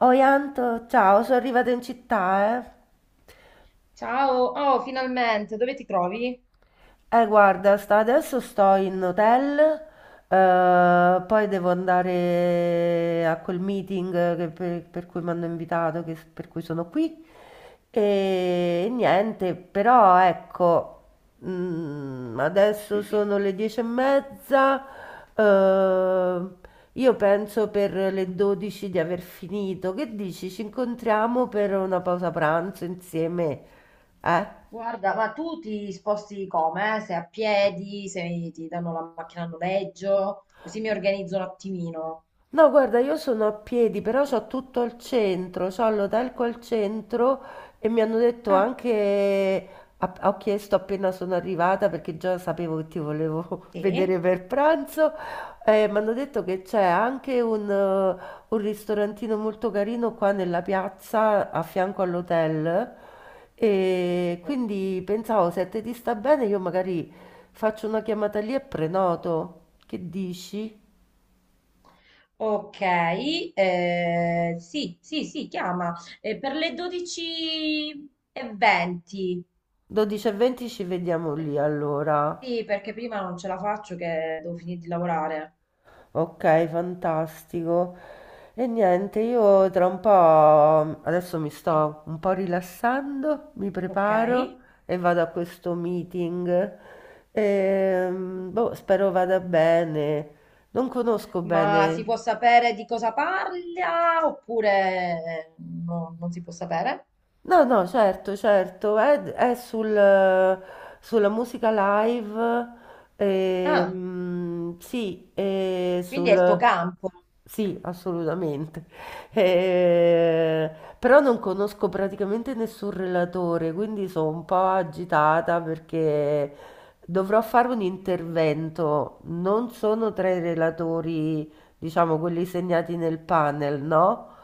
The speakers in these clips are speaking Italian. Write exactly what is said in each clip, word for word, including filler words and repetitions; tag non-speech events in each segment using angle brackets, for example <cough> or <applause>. Oi Anto, ciao, sono arrivata in città, eh. Ciao, oh, finalmente, dove ti trovi? Eh, guarda, sta- adesso sto in hotel, eh, poi devo andare a quel meeting che- per, per cui mi hanno invitato, che- per cui sono qui. E niente, però ecco, mm, adesso sono le dieci e mezza, eh, io penso per le dodici di aver finito. Che dici? Ci incontriamo per una pausa pranzo insieme, eh? Guarda, ma tu ti sposti come? Eh? Se a piedi, se ti danno la macchina a noleggio, così mi organizzo un attimino. No, guarda, io sono a piedi, però so tutto il centro, so Lodalco al centro e mi hanno detto Ah, anche, a- ho chiesto appena sono arrivata perché già sapevo che ti volevo <laughs> vedere sì? per pranzo. Eh, mi hanno detto che c'è anche un, eh, un ristorantino molto carino qua nella piazza a fianco all'hotel, e Oh, quindi pensavo se a te ti sta bene io magari faccio una chiamata lì e prenoto, che dici? ok, eh, sì, sì, sì, chiama. Eh, per le dodici e venti. dodici e venti ci vediamo Eh, lì allora. Sì, perché prima non ce la faccio che devo finire di lavorare. Ok, fantastico. E niente, io tra un po' adesso mi sto un po' rilassando, mi Ok. preparo e vado a questo meeting. Ehm, boh, spero vada bene. Non conosco Ma si bene. può sapere di cosa parla oppure eh, no, non si può sapere? No, no, certo, certo, è, è sul- sulla musica live, Ah, ehm, sì, e quindi è il tuo sul. campo. Sì, assolutamente. Eh, però non conosco praticamente nessun relatore, quindi sono un po' agitata perché dovrò fare un Mm. intervento. Non sono tra i relatori, diciamo quelli segnati nel panel, no?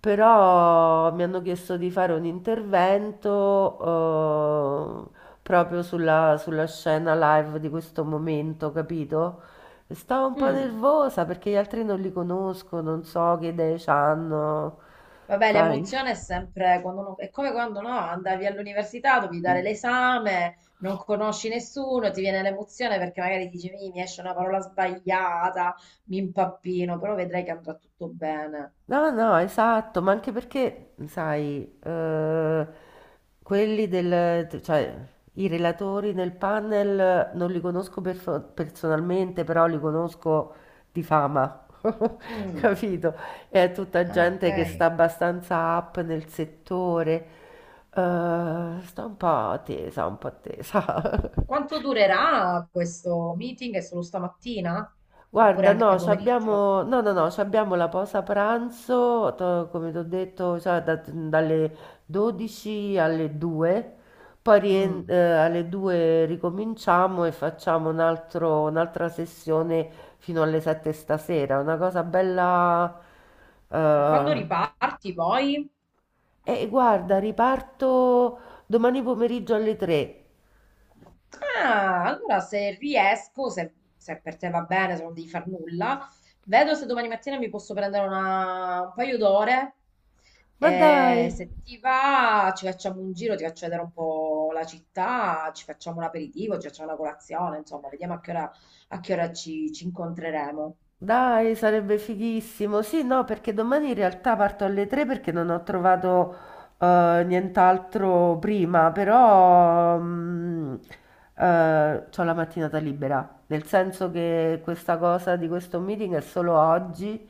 Però mi hanno chiesto di fare un intervento eh, proprio sulla, sulla scena live di questo momento, capito? E stavo un po' Mm. nervosa perché gli altri non li conosco, non so che idee hanno, Vabbè, sai? l'emozione è sempre quando uno- è come quando, no, andavi all'università, dovevi dare l'esame, non conosci nessuno, ti viene l'emozione perché magari dici: "Mi mi esce una parola sbagliata, mi impappino", però vedrai che andrà tutto bene. No, no, no, esatto, ma anche perché, sai, eh, quelli del, cioè, i relatori nel panel non li conosco perso- personalmente, però li conosco di fama, <laughs> Mm. capito? È tutta Ah, gente che sta ok. abbastanza up nel settore, eh, sta un po' tesa, un po' tesa. <laughs> Quanto durerà questo meeting? È solo stamattina? Oppure Guarda, anche no, ci pomeriggio? abbiamo, no, no, no, ci abbiamo la pausa pranzo, to- come ti ho detto, cioè, da- dalle dodici alle due, poi rien- Mm. eh, alle due ricominciamo e facciamo un altro- un'altra sessione fino alle sette stasera, una cosa bella. E quando eh, riparti poi? E guarda, riparto domani pomeriggio alle tre. Ah, allora se riesco, se, se per te va bene, se non devi far nulla, vedo se domani mattina mi posso prendere una- un paio d'ore. Ma E dai! se ti va, ci facciamo un giro, ti faccio vedere un po' la città, ci facciamo un aperitivo, ci facciamo una colazione, insomma, vediamo a che ora, a che ora ci, ci incontreremo. Dai, sarebbe fighissimo. Sì, no, perché domani in realtà parto alle tre perché non ho trovato eh, nient'altro prima, però mm, eh, c'ho la Mm. mattinata libera, nel senso che questa cosa di questo meeting è solo oggi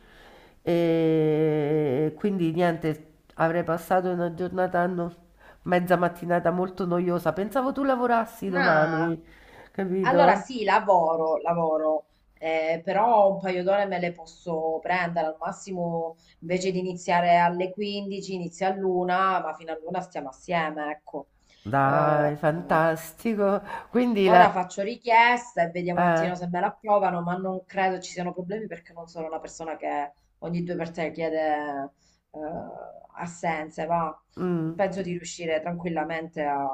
e quindi niente, avrei passato una giornata, no- mezza mattinata molto noiosa. Pensavo tu lavorassi No, domani, allora capito? sì, lavoro, lavoro, eh, però un paio d'ore me le posso prendere, al massimo invece di iniziare alle quindici, inizia all'una, ma fino all'una stiamo assieme, ecco. Eh, Dai, fantastico. Quindi ora la. faccio richiesta e vediamo un eh, attimo se me la approvano, ma non credo ci siano problemi perché non sono una persona che ogni due per tre chiede eh, assenze, va. mm. Penso di riuscire tranquillamente a...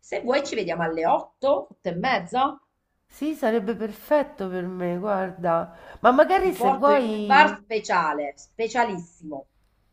Se vuoi ci vediamo alle otto, otto e mezza. Sì, sarebbe perfetto per me, guarda. Ma Ti magari se porto in un bar vuoi. speciale, specialissimo.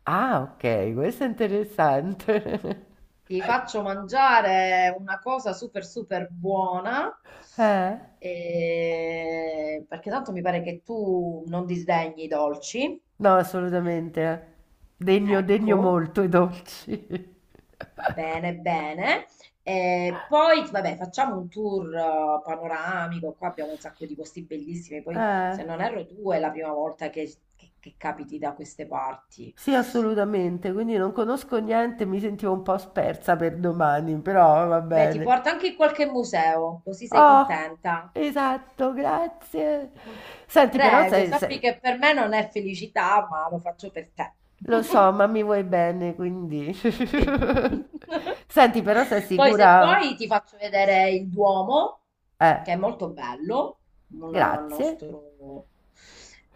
Ah, ok, questo è interessante. Ti faccio mangiare una cosa super super buona. <laughs> Eh? e- Perché tanto mi pare che tu non disdegni i dolci. No, assolutamente. Degno, degno Ecco, molto i dolci. <laughs> bene, bene. E poi, vabbè, facciamo un tour eh, panoramico. Qua abbiamo un sacco di posti bellissimi. Poi, Eh, se non erro, tu è la prima volta che, che che capiti da queste parti. sì, assolutamente. Quindi non conosco niente, mi sentivo un po' spersa per domani, però va Beh, ti bene. porto anche in qualche museo, così sei Oh, contenta. esatto, grazie. Mm. Senti, però Prego, sei, sappi sei- che per me non è felicità, ma lo faccio per te. lo so, <laughs> ma mi vuoi bene, quindi. <laughs> Sì. <laughs> Senti, però sei Poi se sicura? vuoi ti faccio vedere il Duomo, Eh, che è molto bello, una grazie. nostro...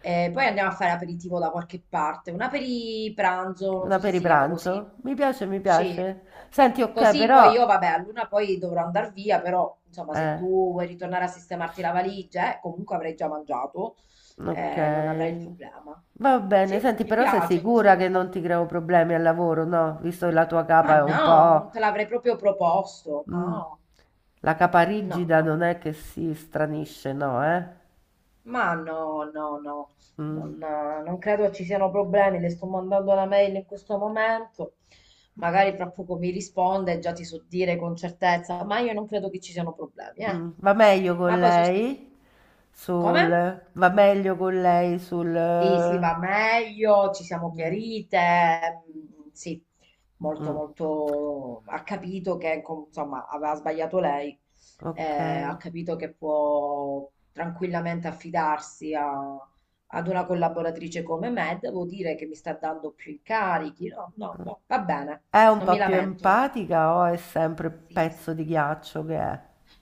E poi andiamo a fare aperitivo da qualche parte, un pranzo, non Una so se per i si chiama così. pranzo? Mi piace, mi Sì. piace. Senti, ok, Così poi però. io, vabbè, a luna poi dovrò andare via, però insomma se Eh, tu vuoi ritornare a sistemarti la valigia, eh, comunque avrai già mangiato, ok. eh, non avrai il problema. Va Sì, bene, senti, ci però sei piace sicura questa che non cosa. ti creo problemi al lavoro, no? Visto che la tua Ma capa è un no, non po'. te l'avrei proprio proposto. Mh. No, La no, caparigida no. non è che si stranisce, no, eh? Ma no, no, no. Mh, Non, eh, non credo ci siano problemi. Le sto mandando la mail in questo momento. Magari fra poco mi risponde e già ti so dire con certezza. Ma io non credo che ci siano problemi, eh. mh. Va meglio con Ma poi sost- lei? come? Sul va meglio con lei sul Sì, sì, eh, va meglio, ci siamo chiarite, mm, sì, molto, mh, molto, ha capito che, com- insomma, aveva sbagliato lei, eh, ha okay. capito che può tranquillamente affidarsi a- ad una collaboratrice come me, devo dire che mi sta dando più incarichi, no, no, no, va bene, È un non mi po' più lamento. empatica o è sempre Sì, sì. pezzo di ghiaccio che è?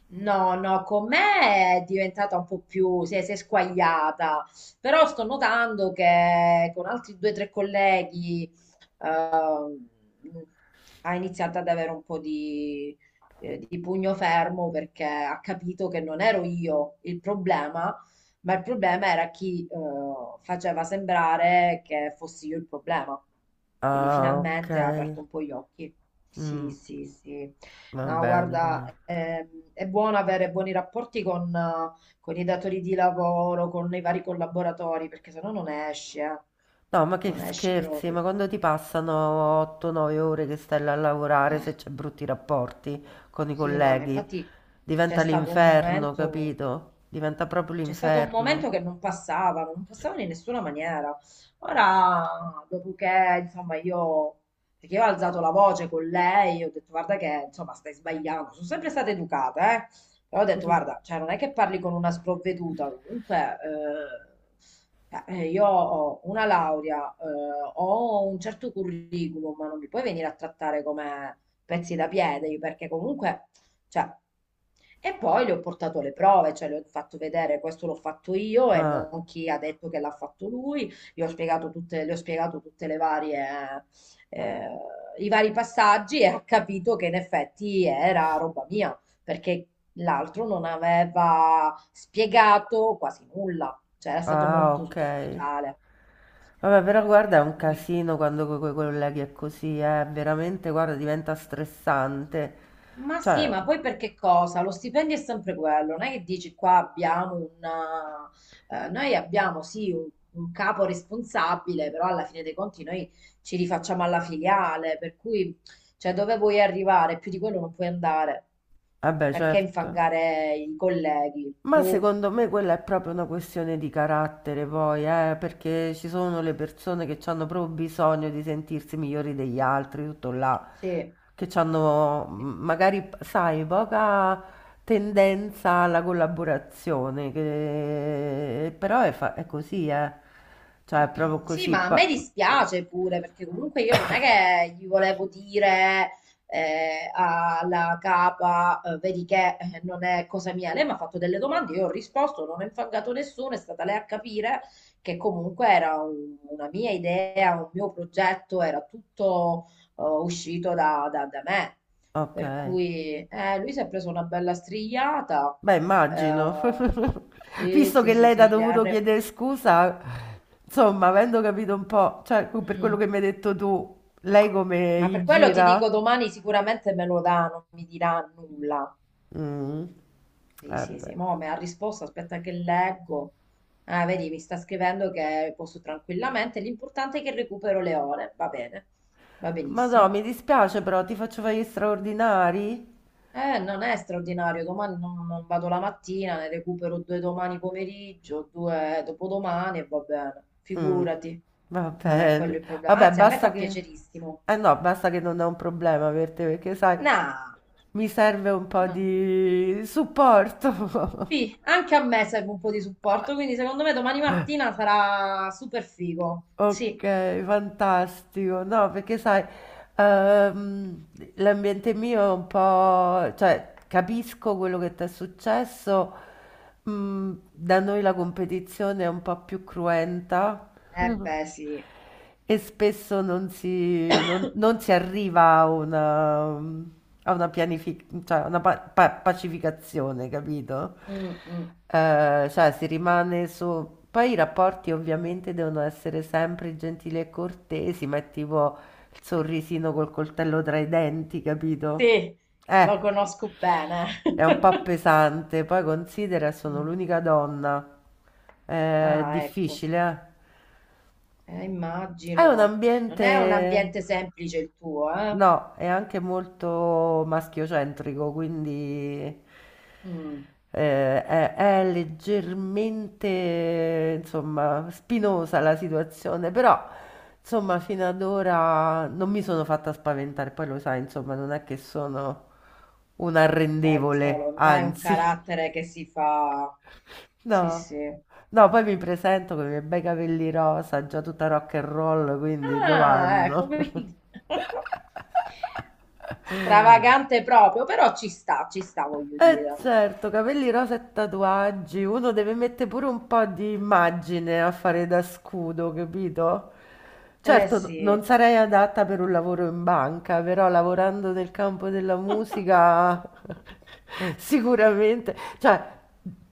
No, no, con me è diventata un po' più, si è, si è squagliata, però sto notando che con altri due o tre colleghi ehm, ha iniziato ad avere un po' di, eh, di pugno fermo perché ha capito che non ero io il problema, ma il problema era chi eh, faceva sembrare che fossi io il problema. Quindi Ah, finalmente ha okay. aperto un po' gli occhi. Sì, Mh, sì, sì. va No, bene, guarda, dai. ehm, è buono avere buoni rapporti con, eh, con i datori di lavoro, con i vari collaboratori, perché sennò non esci, eh. No, ma che Non esci scherzi, ma proprio. quando ti passano otto nove ore che stai là a lavorare, Eh, se c'è brutti rapporti con i sì, no, ma colleghi infatti c'è diventa stato un l'inferno, momento. capito? Diventa proprio C'è stato un l'inferno. momento che non passavano, non passavano in nessuna maniera. Ora, dopo che, insomma, io, perché io ho alzato la voce con lei, ho detto, guarda che, insomma, stai sbagliando. Sono sempre stata educata, eh. Però ho detto, guarda, <laughs> cioè, non è che parli con una sprovveduta. Comunque, eh, cioè, eh, io ho una laurea, eh, ho un certo curriculum, ma non mi puoi venire a trattare come pezzi da piede, perché comunque... Cioè, e poi le ho portato le prove, cioè le ho fatto vedere questo l'ho fatto io e Ah, non chi ha detto che l'ha fatto lui, gli ho spiegato tutte, le ho spiegato tutte le varie, eh, eh, i vari passaggi e ha capito che in effetti era roba mia, perché l'altro non aveva spiegato quasi nulla, cioè era stato ah, molto ok. superficiale. Vabbè, però guarda, è Per un cui... casino quando con i colleghi è così, eh, veramente, guarda, diventa stressante. Ma sì, Cioè, ma poi perché cosa? Lo stipendio è sempre quello, non è che dici qua abbiamo una... eh, eh, noi abbiamo sì un, un capo responsabile, però alla fine dei conti noi ci rifacciamo alla filiale, per cui cioè, dove vuoi arrivare? Più di quello non puoi andare. vabbè, Perché certo. infangare i colleghi? Ma Boh, secondo me quella è proprio una questione di carattere, poi, eh, perché ci sono le persone che hanno proprio bisogno di sentirsi migliori degli altri, tutto là, sì. che hanno Sì. magari, sai, poca tendenza alla collaborazione, che- però è, fa- è così, eh. Cioè, è proprio Sì, così. ma a me pa- dispiace pure perché comunque io non è che gli volevo dire eh, alla capa, eh, vedi che eh, non è cosa mia. Lei mi ha fatto delle domande, io ho risposto, non ho infangato nessuno, è stata lei a capire che comunque era un- una mia idea, un mio progetto, era tutto eh, uscito da, da- da me. Ok. Per cui eh, lui si è preso una bella strigliata. Beh, immagino. Eh, <laughs> sì, Visto sì, che sì, lei t'ha sì, le ha dovuto re- chiedere scusa, insomma, avendo capito un po', cioè, per quello Mm. che mi hai detto tu, lei come Ma gli per quello ti dico gira? domani sicuramente me lo dà, non mi dirà nulla. Mm. Sì, Eh sì, sì, beh. mo me ha risposto, aspetta che leggo. Ah, vedi, mi sta scrivendo che posso tranquillamente, l'importante è che recupero le ore, va bene, va Ma no, benissimo. mi dispiace però, ti faccio fare gli straordinari? Eh, non è straordinario, domani non, non vado la mattina, ne recupero due domani pomeriggio, due dopodomani e va bene, Mm. figurati, Va non è quello bene. il problema. Vabbè, Anzi, a me basta fa che. piacerissimo. Eh no, basta che non è un problema per te, perché sai, No, mi serve un po' no. di supporto. Sì, <laughs> anche a me serve un po' di supporto, quindi secondo me domani mattina sarà super figo. Sì. Okay, fantastico. No, perché sai, ehm, l'ambiente mio è un po', cioè capisco quello che ti è successo. Mm, da noi la competizione è un po' più cruenta. Eh <laughs> beh, sì. E spesso non si, non- non si arriva a una, a una, pianific- cioè, a una pa- pa- pacificazione, capito? Mm, mm. Eh, cioè si rimane su. Poi i rapporti ovviamente devono essere sempre gentili e cortesi, ma è tipo il sorrisino col coltello tra i denti, capito? Sì, lo Eh, conosco bene. è un po' <laughs> pesante. Poi considera, sono Mm. l'unica donna. È Ah, ecco. difficile, eh? Eh, È un immagino. Non è un ambiente, ambiente semplice il tuo, eh? no, è anche molto maschiocentrico, quindi Mm. eh, è, è leggermente, insomma, spinosa la situazione, però, insomma, fino ad ora non mi sono fatta spaventare, poi lo sai, insomma, non è che sono un Eh, lo so, arrendevole, lo- non hai un anzi. carattere che si fa... Sì, No, sì. no, poi mi presento con i miei bei capelli rosa, già tutta rock and roll, quindi Ah, ecco, dov'anno? quindi <laughs> <laughs> stravagante proprio, però ci sta, ci sta, voglio Eh dire. certo, capelli rosa e tatuaggi, uno deve mettere pure un po' di immagine a fare da scudo, capito? Eh Certo, n- non sì. sarei adatta per un lavoro in banca, però lavorando nel campo della musica <laughs> sicuramente, cioè,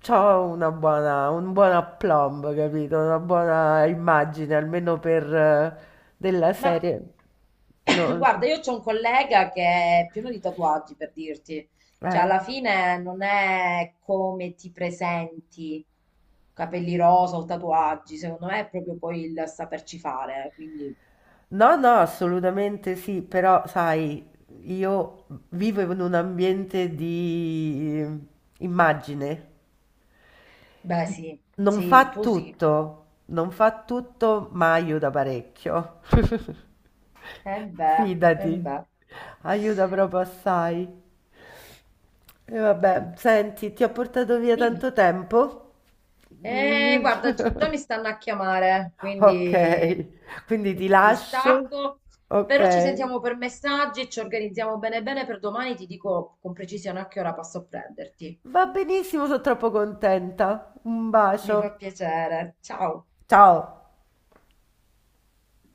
c'ho una buona, un buon aplomb, capito? Una buona immagine, almeno per eh, della Ma serie. <coughs> No, sì. guarda, io c'ho un collega che è pieno di tatuaggi, per dirti. Cioè, eh. alla fine non è come ti presenti, capelli rosa o tatuaggi, secondo me è proprio poi il saperci fare, quindi No, no, assolutamente sì, però sai, io vivo in un ambiente di eh, immagine. beh sì, Non sì, il fa tuo sì. tutto, non fa tutto, ma aiuta parecchio. Eh <laughs> beh, eh Fidati, beh. aiuta proprio assai. E Eh, vabbè, senti, ti ho portato via dimmi. tanto tempo. Eh, guarda, <laughs> già mi stanno a chiamare, Ok, quindi quindi ti ti lascio. stacco. Però ci Ok. sentiamo per messaggi, ci organizziamo bene bene per domani, ti dico con precisione a che ora passo a prenderti. Va benissimo, sono troppo contenta. Un Mi fa bacio. piacere. Ciao. Ciao.